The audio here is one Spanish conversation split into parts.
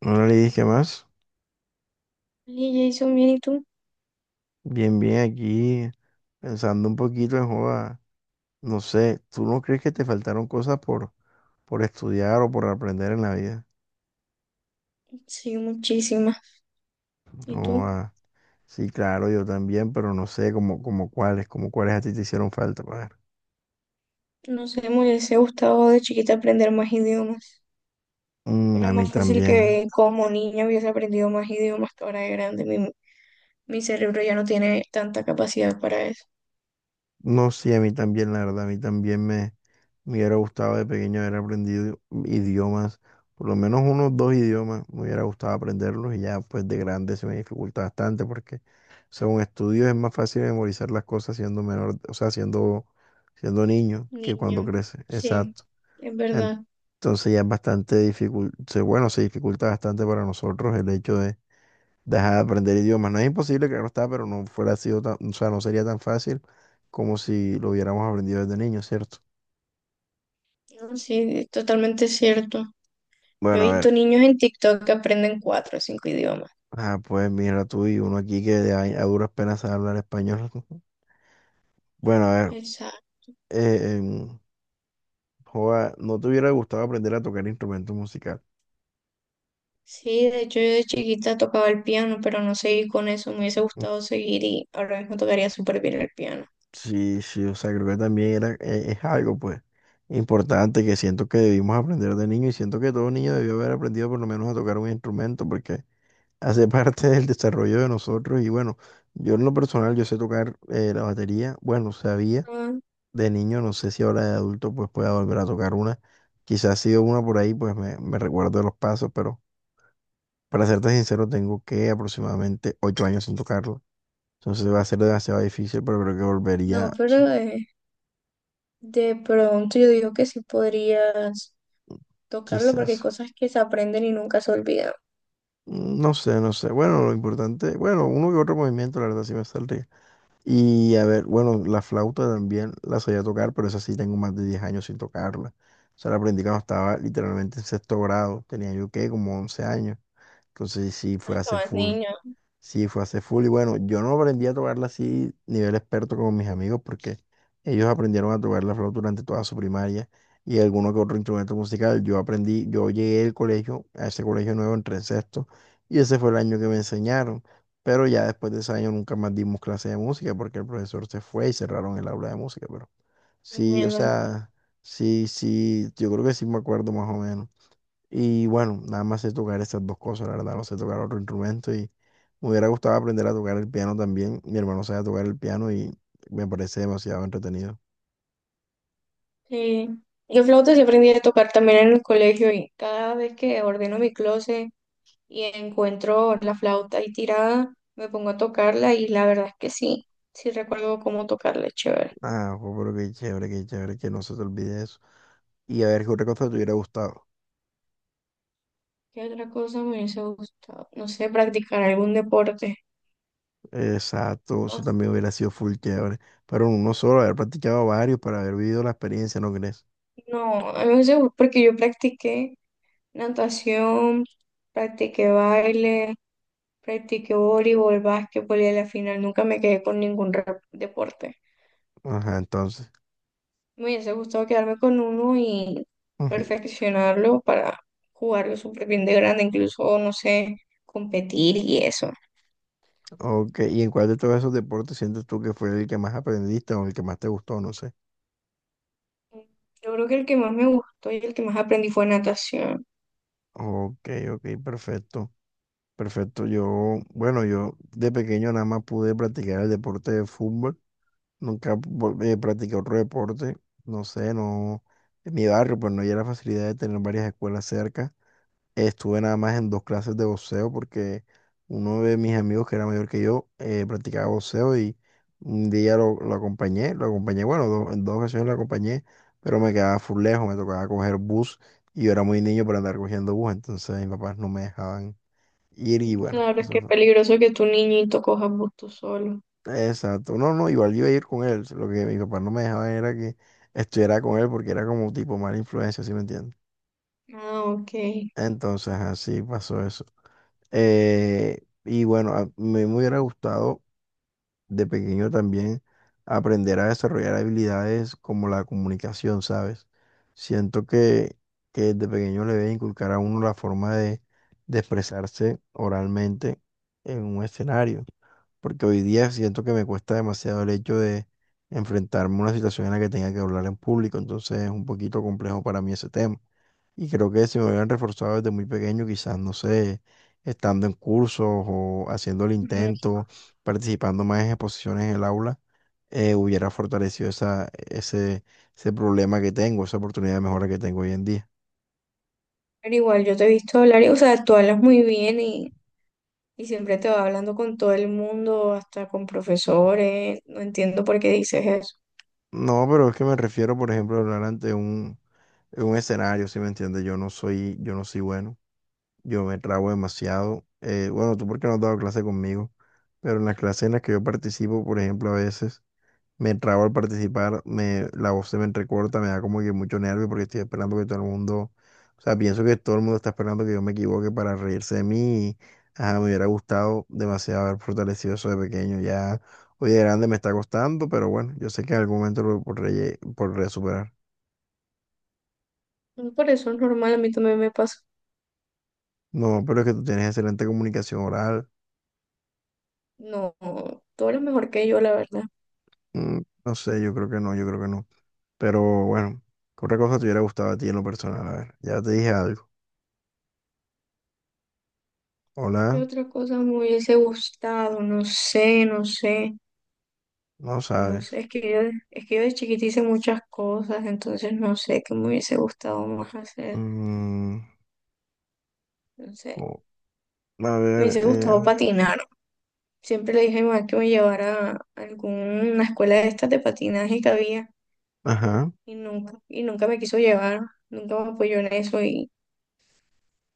No le dije más. Y Jason, bien, ¿y tú? Bien, bien, aquí pensando un poquito en joda. No sé, ¿tú no crees que te faltaron cosas por estudiar o por aprender en la vida? Sí, muchísimas. ¿Y No, tú? Sí, claro, yo también, pero no sé como cuáles, como cuáles a ti te hicieron falta, padre. No sé, me hubiese gustado de chiquita aprender más idiomas. Mm, Era a mí más fácil también. que como niña hubiese aprendido más idiomas que ahora de grande. Mi cerebro ya no tiene tanta capacidad para eso. No, sí, a mí también, la verdad, a mí también me hubiera gustado de pequeño haber aprendido idiomas, por lo menos unos dos idiomas, me hubiera gustado aprenderlos y ya pues de grande se me dificulta bastante porque según estudios es más fácil memorizar las cosas siendo menor, o sea, siendo niño que Niño, cuando crece. sí, Exacto. es En- verdad. Entonces ya es bastante difícil, bueno, se dificulta bastante para nosotros el hecho de dejar de aprender idiomas. No es imposible, claro está, pero no fuera sido tan, o sea, no sería tan fácil como si lo hubiéramos aprendido desde niño, ¿cierto? No, sí, es totalmente cierto. Yo Bueno, he a visto ver. niños en TikTok que aprenden cuatro o cinco idiomas. Ah, pues mira tú y uno aquí que de ahí a duras penas sabe hablar español. Bueno, a ver, Exacto. eh, em, joa, ¿no te hubiera gustado aprender a tocar instrumento musical? Sí, de hecho yo de chiquita tocaba el piano, pero no seguí con eso. Me hubiese gustado seguir y ahora mismo tocaría súper bien el piano. Sí, sí, o sea, creo que también es algo, pues, importante que siento que debimos aprender de niño y siento que todo niño debió haber aprendido por lo menos a tocar un instrumento porque hace parte del desarrollo de nosotros. Y bueno, yo en lo personal, yo sé tocar la batería, bueno, sabía Ah, de niño. No sé si ahora de adulto pues pueda volver a tocar una. Quizás si sido una por ahí, pues me recuerdo de los pasos, pero para serte sincero, tengo que aproximadamente 8 años sin tocarlo. Entonces va a ser demasiado difícil, pero creo que volvería, no, o pero sea, de pronto yo digo que sí podrías tocarlo porque hay quizás. cosas que se aprenden y nunca se olvidan. No sé, no sé. Bueno, lo importante, bueno, uno que otro movimiento, la verdad sí me saldría. Y a ver, bueno, la flauta también la sabía tocar, pero esa sí tengo más de 10 años sin tocarla. O sea, la aprendí cuando estaba literalmente en sexto grado. Tenía yo, ¿qué? Como 11 años. Entonces sí, Ah, fue hace estabas full. niño. Sí, fue hace full. Y bueno, yo no aprendí a tocarla así, nivel experto como mis amigos, porque ellos aprendieron a tocar la flauta durante toda su primaria y alguno que otro instrumento musical. Yo aprendí, yo llegué al colegio, a ese colegio nuevo, entré en sexto, y ese fue el año que me enseñaron. Pero ya después de ese año nunca más dimos clase de música porque el profesor se fue y cerraron el aula de música. Pero sí, o Mierda. sea, sí, sí, yo creo que sí me acuerdo más o menos. Y bueno, nada más sé tocar esas dos cosas, la verdad, no sé tocar otro instrumento y me hubiera gustado aprender a tocar el piano también. Mi hermano sabe tocar el piano y me parece demasiado entretenido. Sí. Yo flauta sí aprendí a tocar también en el colegio y cada vez que ordeno mi closet y encuentro la flauta ahí tirada, me pongo a tocarla y la verdad es que sí, sí recuerdo cómo tocarla, es chévere. Ah, jo, pero qué chévere, que no se te olvide eso. Y a ver qué otra cosa te hubiera gustado. ¿Qué otra cosa me hubiese gustado? No sé, practicar algún deporte. Exacto, eso O- también hubiera sido full chévere. Pero uno solo, haber practicado varios para haber vivido la experiencia, ¿no crees? No, a mí me hubiese gustado porque yo practiqué, natación, practiqué baile, practiqué voleibol, básquetbol y a la final nunca me quedé con ningún deporte. Ajá, entonces. Me hubiese gustado quedarme con uno y Ujú. perfeccionarlo para jugarlo súper bien de grande, incluso, no sé, competir y eso. Ok, ¿y en cuál de todos esos deportes sientes tú que fue el que más aprendiste o el que más te gustó? No sé. Yo creo que el que más me gustó y el que más aprendí fue natación. Ok, ok, perfecto. Perfecto. Yo, bueno, yo de pequeño nada más pude practicar el deporte de fútbol. Nunca vol- Practiqué otro deporte. No sé, no. En mi barrio, pues no había la facilidad de tener varias escuelas cerca. Estuve nada más en 2 clases de boxeo porque uno de mis amigos que era mayor que yo practicaba boxeo y un día lo acompañé. Lo acompañé, bueno, en 2 ocasiones lo acompañé, pero me quedaba full lejos. Me tocaba coger bus y yo era muy niño para andar cogiendo bus. Entonces mis papás no me dejaban ir y Mm, bueno, claro, es que eso es fue. peligroso que tu niñito coja bus tú solo. Exacto, no, no, igual yo iba a ir con él, lo que mi papá no me dejaba era que estuviera con él porque era como tipo mala influencia, ¿sí me entiendes? Ah, ok. Entonces así pasó eso. Y bueno, me hubiera gustado de pequeño también aprender a desarrollar habilidades como la comunicación, ¿sabes? Siento que de pequeño le debe inculcar a uno la forma de expresarse oralmente en un escenario porque hoy día siento que me cuesta demasiado el hecho de enfrentarme a una situación en la que tenga que hablar en público, entonces es un poquito complejo para mí ese tema. Y creo que si me hubieran reforzado desde muy pequeño, quizás, no sé, estando en cursos o haciendo el Mm, intento, participando más en exposiciones en el aula, hubiera fortalecido ese problema que tengo, esa oportunidad de mejora que tengo hoy en día. Pero igual, yo te he visto hablar y, o sea, tú hablas muy bien y siempre te va hablando con todo el mundo, hasta con profesores. No entiendo por qué dices eso. No, pero es que me refiero, por ejemplo, a hablar en un escenario, ¿si me entiendes? Yo no soy bueno. Yo me trago demasiado. Bueno, tú porque no has dado clase conmigo, pero en las clases en las que yo participo, por ejemplo, a veces me trago al participar, la voz se me entrecorta, me da como que mucho nervio porque estoy esperando que todo el mundo, o sea, pienso que todo el mundo está esperando que yo me equivoque para reírse de mí. Ajá, me hubiera gustado demasiado haber fortalecido eso de pequeño. Ya hoy de grande me está costando, pero bueno, yo sé que en algún momento lo podré superar. No, por eso es normal, a mí también me pasa. No, pero es que tú tienes excelente comunicación oral. No, tú eres mejor que yo, la verdad. Mm, no sé, yo creo que no, yo creo que no. Pero bueno, ¿qué otra cosa te hubiera gustado a ti en lo personal? A ver, ya te dije algo. ¿Qué Hola, otra cosa me hubiese gustado? No sé, no sé. no No sé, sabes. es que yo de chiquita hice muchas cosas, entonces no sé qué me hubiese gustado más hacer. Mm, No sé, o- a me ver, hubiese gustado patinar. Siempre le dije a mi mamá que me llevara a alguna escuela de estas de patinaje que había, ajá. y nunca me quiso llevar, nunca me apoyó en eso y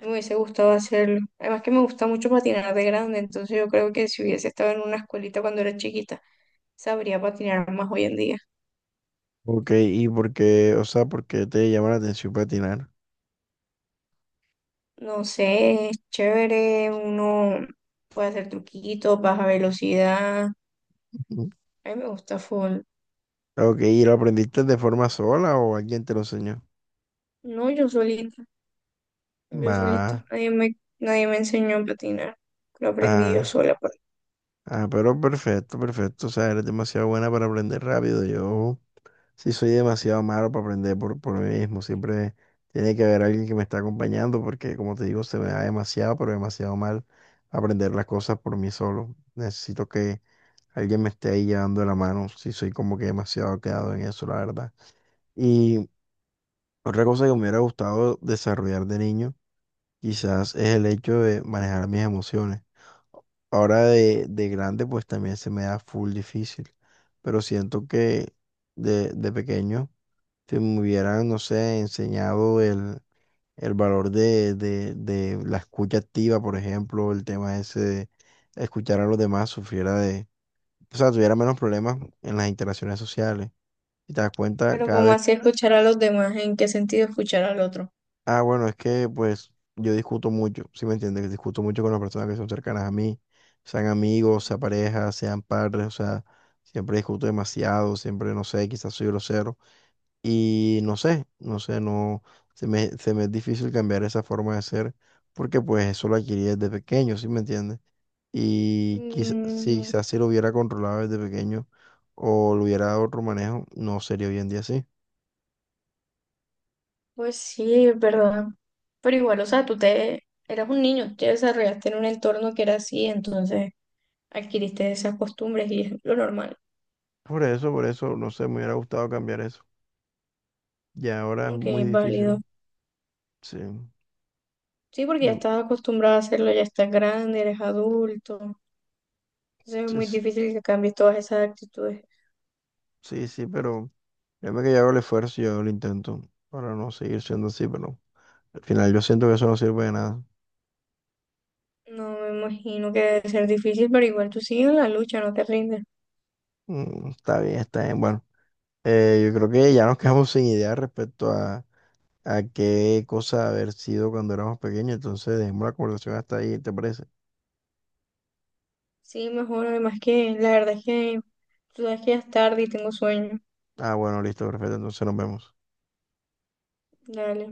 me hubiese gustado hacerlo. Además que me gusta mucho patinar de grande, entonces yo creo que si hubiese estado en una escuelita cuando era chiquita, sabría patinar más hoy en día. Ok, ¿y por qué, o sea, por qué te llama la atención patinar? No sé, es chévere, uno puede hacer truquitos, baja velocidad, Ujú. a mí me gusta full. Ok, ¿y lo aprendiste de forma sola o alguien te lo enseñó? No, yo solita, Va, nadie me enseñó a patinar, lo aprendí yo ah, sola, pues. ah, pero perfecto, perfecto. O sea, eres demasiado buena para aprender rápido. Yo. Sí, soy demasiado malo para aprender por mí mismo. Siempre tiene que haber alguien que me está acompañando porque, como te digo, se me da demasiado, pero demasiado mal aprender las cosas por mí solo. Necesito que alguien me esté ahí llevando la mano. Sí, soy como que demasiado quedado en eso, la verdad. Y otra cosa que me hubiera gustado desarrollar de niño, quizás es el hecho de manejar mis emociones. Ahora de grande, pues también se me da full difícil, pero siento que de pequeño si me hubieran, no sé, enseñado el valor de la escucha activa, por ejemplo, el tema ese de escuchar a los demás, sufriera de, o sea, tuviera menos problemas en las interacciones sociales. Y te das cuenta ¿Pero cada como vez, así escuchar a los demás? ¿En qué sentido escuchar al otro? ah, bueno, es que pues yo discuto mucho, ¿sí me entiendes? Discuto mucho con las personas que son cercanas a mí, sean amigos, sean parejas, sean padres, o sea, siempre discuto demasiado, siempre, no sé, quizás soy grosero. Y no sé, no sé, no, se me es difícil cambiar esa forma de ser porque pues eso lo adquirí desde pequeño, ¿sí me entiendes? Y Mm, quizás si lo hubiera controlado desde pequeño o lo hubiera dado otro manejo, no sería hoy en día así. pues sí, es verdad. Pero igual, o sea, tú te eras un niño, te desarrollaste en un entorno que era así, entonces adquiriste esas costumbres y es lo normal, Por eso, no sé, me hubiera gustado cambiar eso. Y ahora es aunque muy es válido. difícil. Sí, Sí, porque ya de- estás acostumbrado a hacerlo, ya estás grande, eres adulto, entonces es sí, muy sí, difícil que cambies todas esas actitudes. sí, sí, pero créeme que yo hago el esfuerzo y yo hago el intento para no seguir siendo así, pero al final yo siento que eso no sirve de nada. No me imagino que debe ser difícil, pero igual tú sigues en la lucha, no te rindes. Mm, está bien, está bien. Bueno. Yo creo que ya nos quedamos sin idea respecto a qué cosa haber sido cuando éramos pequeños, entonces dejemos la conversación hasta ahí, ¿te parece? Sí, mejor, además que la verdad es que tú sabes que ya es tarde y tengo sueño. Ah, bueno, listo, perfecto, entonces nos vemos. Dale.